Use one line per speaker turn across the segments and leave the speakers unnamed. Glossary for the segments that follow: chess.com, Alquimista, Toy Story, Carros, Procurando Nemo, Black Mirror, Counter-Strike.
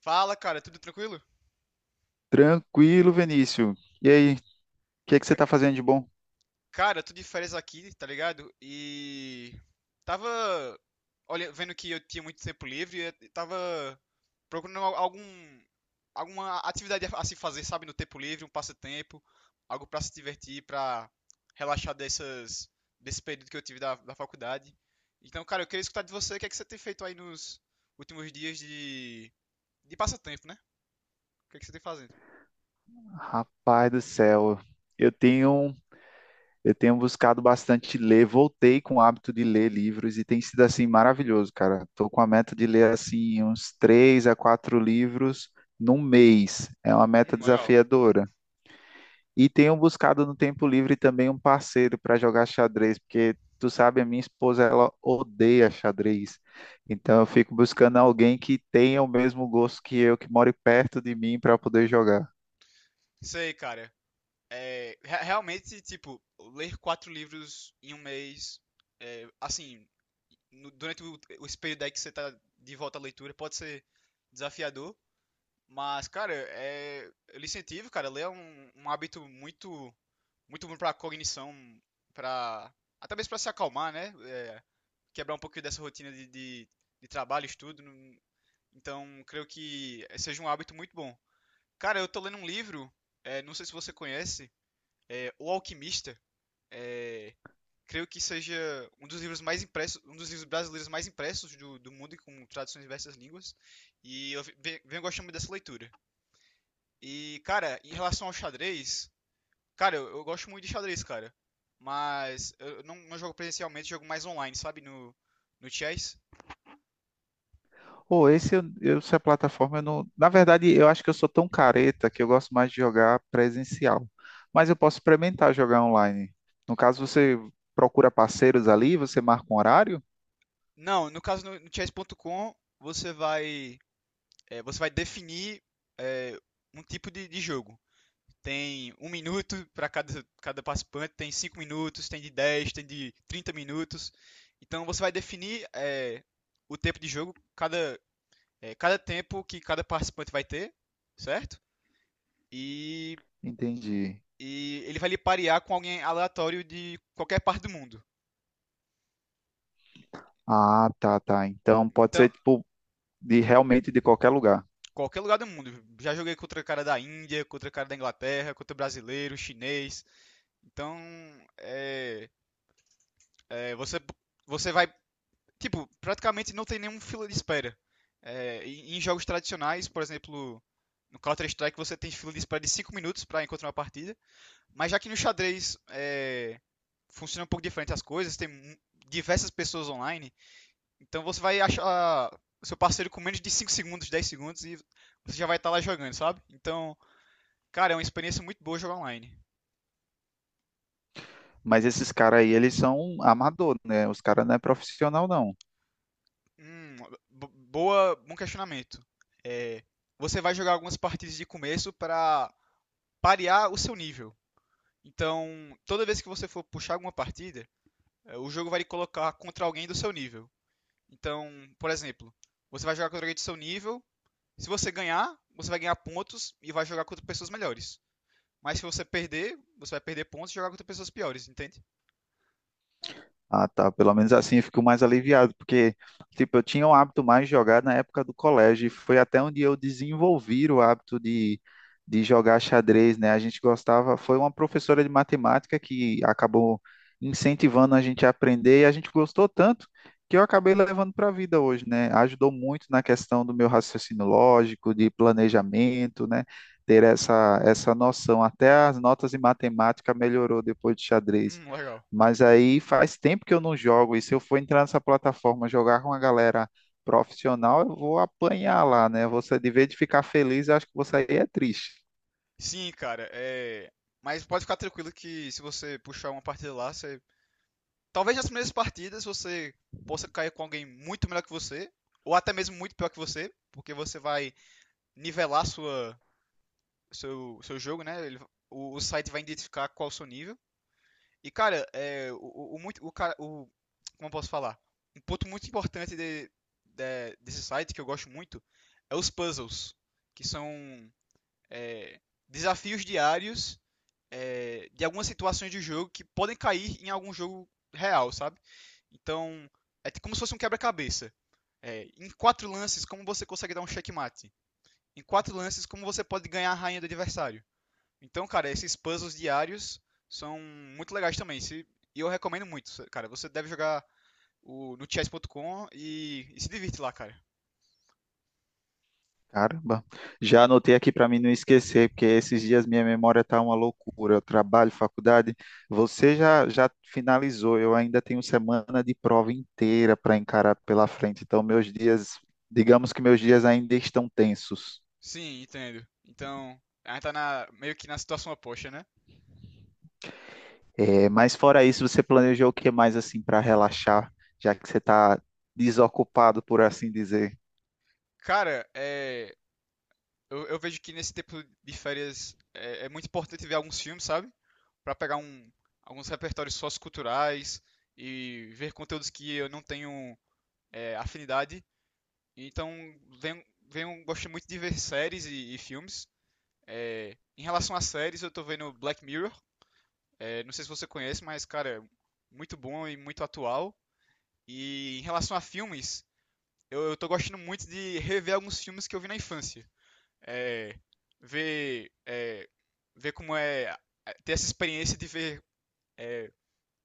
Fala, cara, tudo tranquilo?
Tranquilo, Vinícius. E aí, o que é que você
C-
está fazendo de bom?
cara, tô de férias aqui, tá ligado? E tava vendo que eu tinha muito tempo livre e tava procurando algum alguma atividade a se fazer, sabe, no tempo livre, um passatempo, algo pra se divertir, pra relaxar dessas desse período que eu tive da faculdade. Então, cara, eu queria escutar de você o que é que você tem feito aí nos últimos dias de passatempo, né? O que é que você tem fazendo?
Rapaz do céu, eu tenho eu tenho buscado bastante ler, voltei com o hábito de ler livros e tem sido assim maravilhoso, cara. Estou com a meta de ler assim uns três a quatro livros num mês. É uma meta
Legal.
desafiadora. E tenho buscado no tempo livre também um parceiro para jogar xadrez, porque tu sabe, a minha esposa ela odeia xadrez. Então eu fico buscando alguém que tenha o mesmo gosto que eu, que more perto de mim para poder jogar.
Sei, cara. É, realmente, tipo, ler quatro livros em um mês, é, assim, durante o esse período aí que você tá de volta à leitura, pode ser desafiador, mas, cara, é, eu lhe incentivo, cara, ler é um, um hábito muito, muito bom pra cognição, pra, até mesmo pra se acalmar, né? É, quebrar um pouquinho dessa rotina de trabalho, estudo, então, creio que seja um hábito muito bom. Cara, eu tô lendo um livro, é, não sei se você conhece, é, o Alquimista, é, creio que seja um dos livros mais impressos, um dos livros brasileiros mais impressos do mundo, com traduções em diversas línguas. E eu venho gostando muito dessa leitura. E, cara, em relação ao xadrez, cara, eu gosto muito de xadrez, cara. Mas eu não jogo presencialmente, jogo mais online, sabe? No, no chess.
Ou esse eu- Essa plataforma eu não, na verdade, eu acho que eu sou tão careta que eu gosto mais de jogar presencial, mas eu posso experimentar jogar online. No caso, você procura parceiros ali, você marca um horário?
Não, no caso no chess.com, você vai, é, você vai definir é, um tipo de jogo. Tem um minuto para cada participante, tem cinco minutos, tem de 10 tem de 30 minutos. Então você vai definir é, o tempo de jogo, cada, é, cada tempo que cada participante vai ter, certo? E,
Entendi.
e ele vai lhe parear com alguém aleatório de qualquer parte do mundo.
Ah, tá, tá. Então pode
Então,
ser tipo de realmente de qualquer lugar.
qualquer lugar do mundo. Já joguei contra o cara da Índia, contra o cara da Inglaterra, contra brasileiro, chinês. Então, é, é, você vai tipo, praticamente não tem nenhum fila de espera. É, em jogos tradicionais, por exemplo, no Counter-Strike você tem fila de espera de 5 minutos para encontrar uma partida, mas já que no xadrez é, funciona um pouco diferente as coisas, diversas pessoas online, então você vai achar o seu parceiro com menos de 5 segundos, 10 segundos e você já vai estar lá jogando, sabe? Então, cara, é uma experiência muito boa jogar online.
Mas esses caras aí, eles são amador, né? Os caras não é profissional, não.
Hum, bom questionamento. É, você vai jogar algumas partidas de começo para parear o seu nível. Então, toda vez que você for puxar alguma partida, o jogo vai lhe colocar contra alguém do seu nível. Então, por exemplo, você vai jogar contra alguém do seu nível. Se você ganhar, você vai ganhar pontos e vai jogar contra pessoas melhores. Mas se você perder, você vai perder pontos e jogar contra pessoas piores, entende?
Ah, tá. Pelo menos assim eu fico mais aliviado, porque, tipo, eu tinha o hábito mais de jogar na época do colégio, e foi até onde eu desenvolvi o hábito de jogar xadrez, né? A gente gostava, foi uma professora de matemática que acabou incentivando a gente a aprender, e a gente gostou tanto que eu acabei levando para a vida hoje, né? Ajudou muito na questão do meu raciocínio lógico, de planejamento, né? Ter essa, essa noção. Até as notas em matemática melhorou depois de xadrez.
Legal.
Mas aí faz tempo que eu não jogo. E se eu for entrar nessa plataforma jogar com a galera profissional, eu vou apanhar lá, né? Você, de vez de ficar feliz, eu acho que você aí é triste.
Sim, cara, é. Mas pode ficar tranquilo que se você puxar uma partida lá, você. Talvez nas primeiras partidas você possa cair com alguém muito melhor que você, ou até mesmo muito pior que você, porque você vai nivelar sua, seu jogo, né? Ele, o site vai identificar qual o seu nível. E, cara, é, o, muito, o, cara- o, como eu posso falar? Um ponto muito importante desse site que eu gosto muito é os puzzles, que são é, desafios diários é, de algumas situações de jogo que podem cair em algum jogo real, sabe? Então, é como se fosse um quebra-cabeça. É, em quatro lances, como você consegue dar um checkmate? Em quatro lances como você pode ganhar a rainha do adversário. Então, cara, esses puzzles diários são muito legais também. E eu recomendo muito, cara. Você deve jogar no chess.com e se divirte lá, cara.
Caramba, já anotei aqui para mim não esquecer, porque esses dias minha memória tá uma loucura. Eu trabalho, faculdade. Você já, já finalizou, eu ainda tenho semana de prova inteira para encarar pela frente. Então, meus dias, digamos que meus dias ainda estão tensos.
Sim, entendo. Então, a gente tá meio que na situação oposta, né?
É, mas fora isso, você planejou o que mais assim para relaxar, já que você está desocupado, por assim dizer?
Cara, é, eu vejo que nesse tempo de férias é, é muito importante ver alguns filmes, sabe? Pra pegar um, alguns repertórios socioculturais e ver conteúdos que eu não tenho é, afinidade. Então, venho, gosto muito de ver séries e filmes. É, em relação às séries, eu tô vendo Black Mirror. É, não sei se você conhece, mas, cara, muito bom e muito atual. E em relação a filmes, eu tô gostando muito de rever alguns filmes que eu vi na infância. É, ver, é, ver como é é, ter essa experiência de ver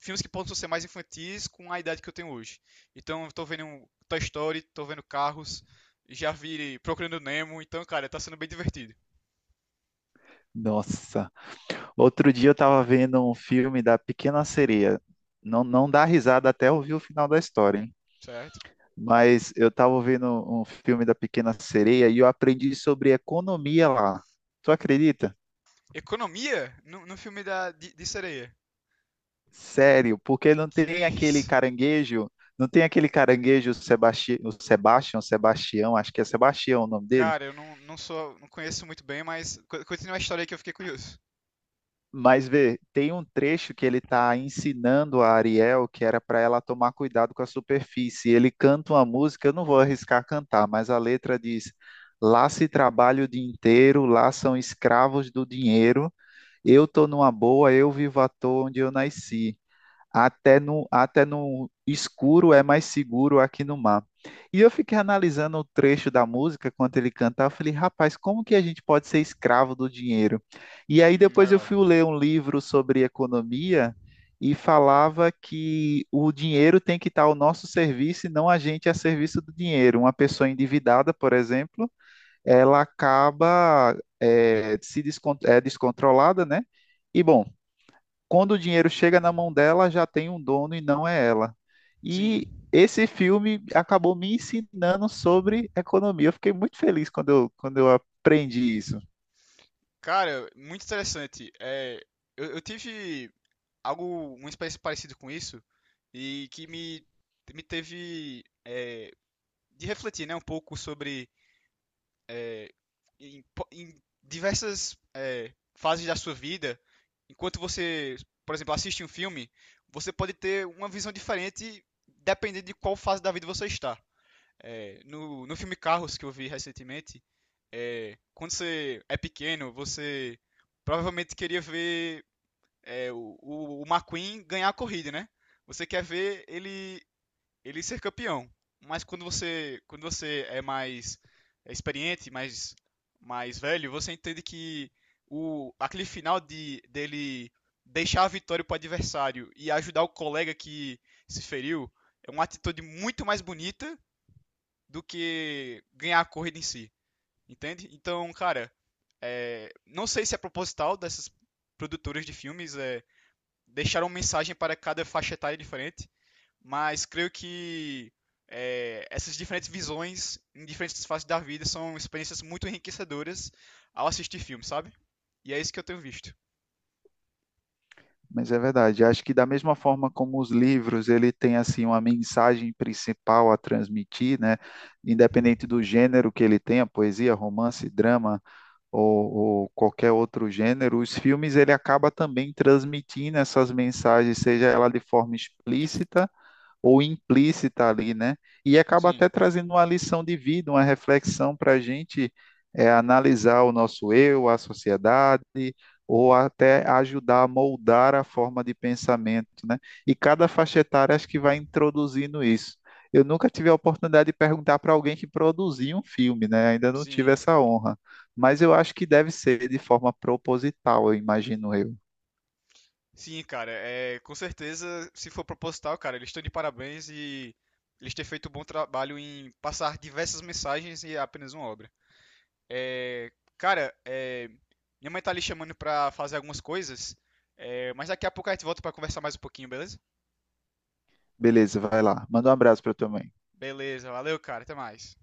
filmes que possam ser mais infantis com a idade que eu tenho hoje. Então, eu tô vendo um Toy Story, tô vendo Carros, já vi Procurando Nemo, então, cara, tá sendo bem divertido,
Nossa, outro dia eu estava vendo um filme da Pequena Sereia. Não, não dá risada até ouvir o final da história, hein?
certo?
Mas eu estava vendo um filme da Pequena Sereia e eu aprendi sobre economia lá. Tu acredita?
Economia no, no filme de sereia.
Sério, porque não
Que
tem
é
aquele
isso?
caranguejo, não tem aquele caranguejo o Sebastião, Sebastião, acho que é Sebastião o nome dele.
Cara, eu não sou, não conheço muito bem, mas continua a história aí que eu fiquei curioso.
Mas vê, tem um trecho que ele está ensinando a Ariel que era para ela tomar cuidado com a superfície. Ele canta uma música, eu não vou arriscar cantar, mas a letra diz: lá se trabalha o dia inteiro, lá são escravos do dinheiro. Eu tô numa boa, eu vivo à toa onde eu nasci. Até no escuro é mais seguro aqui no mar. E eu fiquei analisando o trecho da música quando ele cantava. Eu falei, rapaz, como que a gente pode ser escravo do dinheiro? E aí depois eu
Legal.
fui ler um livro sobre economia e falava que o dinheiro tem que estar ao nosso serviço e não a gente a serviço do dinheiro. Uma pessoa endividada, por exemplo, ela acaba se descontrolada, né? E bom, quando o dinheiro chega na mão dela, já tem um dono e não é ela. E
Sim.
esse filme acabou me ensinando sobre economia. Eu fiquei muito feliz quando eu aprendi isso.
Cara, muito interessante. É, eu tive algo, uma experiência parecida com isso e que me teve é, de refletir, né, um pouco sobre é, em, em diversas é, fases da sua vida, enquanto você, por exemplo, assiste um filme, você pode ter uma visão diferente dependendo de qual fase da vida você está. É, no filme Carros que eu vi recentemente, é, quando você é pequeno, você provavelmente queria ver é, o McQueen ganhar a corrida, né? Você quer ver ele ser campeão. Mas quando você é mais é experiente, mais, mais velho, você entende que o, aquele final dele deixar a vitória para o adversário e ajudar o colega que se feriu é uma atitude muito mais bonita do que ganhar a corrida em si, entende? Então, cara, é, não sei se é proposital dessas produtoras de filmes é, deixar uma mensagem para cada faixa etária diferente, mas creio que é, essas diferentes visões em diferentes fases da vida são experiências muito enriquecedoras ao assistir filmes, sabe? E é isso que eu tenho visto.
Mas é verdade, acho que da mesma forma como os livros, ele tem assim uma mensagem principal a transmitir, né? Independente do gênero que ele tenha, poesia, romance, drama ou, ou qualquer outro gênero, os filmes ele acaba também transmitindo essas mensagens, seja ela de forma explícita ou implícita ali, né? E acaba
Sim,
até trazendo uma lição de vida, uma reflexão para a gente é, analisar o nosso eu, a sociedade, ou até ajudar a moldar a forma de pensamento, né? E cada faixa etária acho que vai introduzindo isso. Eu nunca tive a oportunidade de perguntar para alguém que produziu um filme, né? Ainda não tive
sim.
essa honra. Mas eu acho que deve ser de forma proposital, eu imagino eu.
Sim, cara, é, com certeza, se for proposital, cara, eles estão de parabéns e eles têm feito um bom trabalho em passar diversas mensagens e apenas uma obra. É, cara, é, minha mãe tá ali chamando pra fazer algumas coisas, é, mas daqui a pouco a gente volta pra conversar mais um pouquinho, beleza?
Beleza, vai lá. Manda um abraço para tua mãe.
Beleza, valeu, cara, até mais.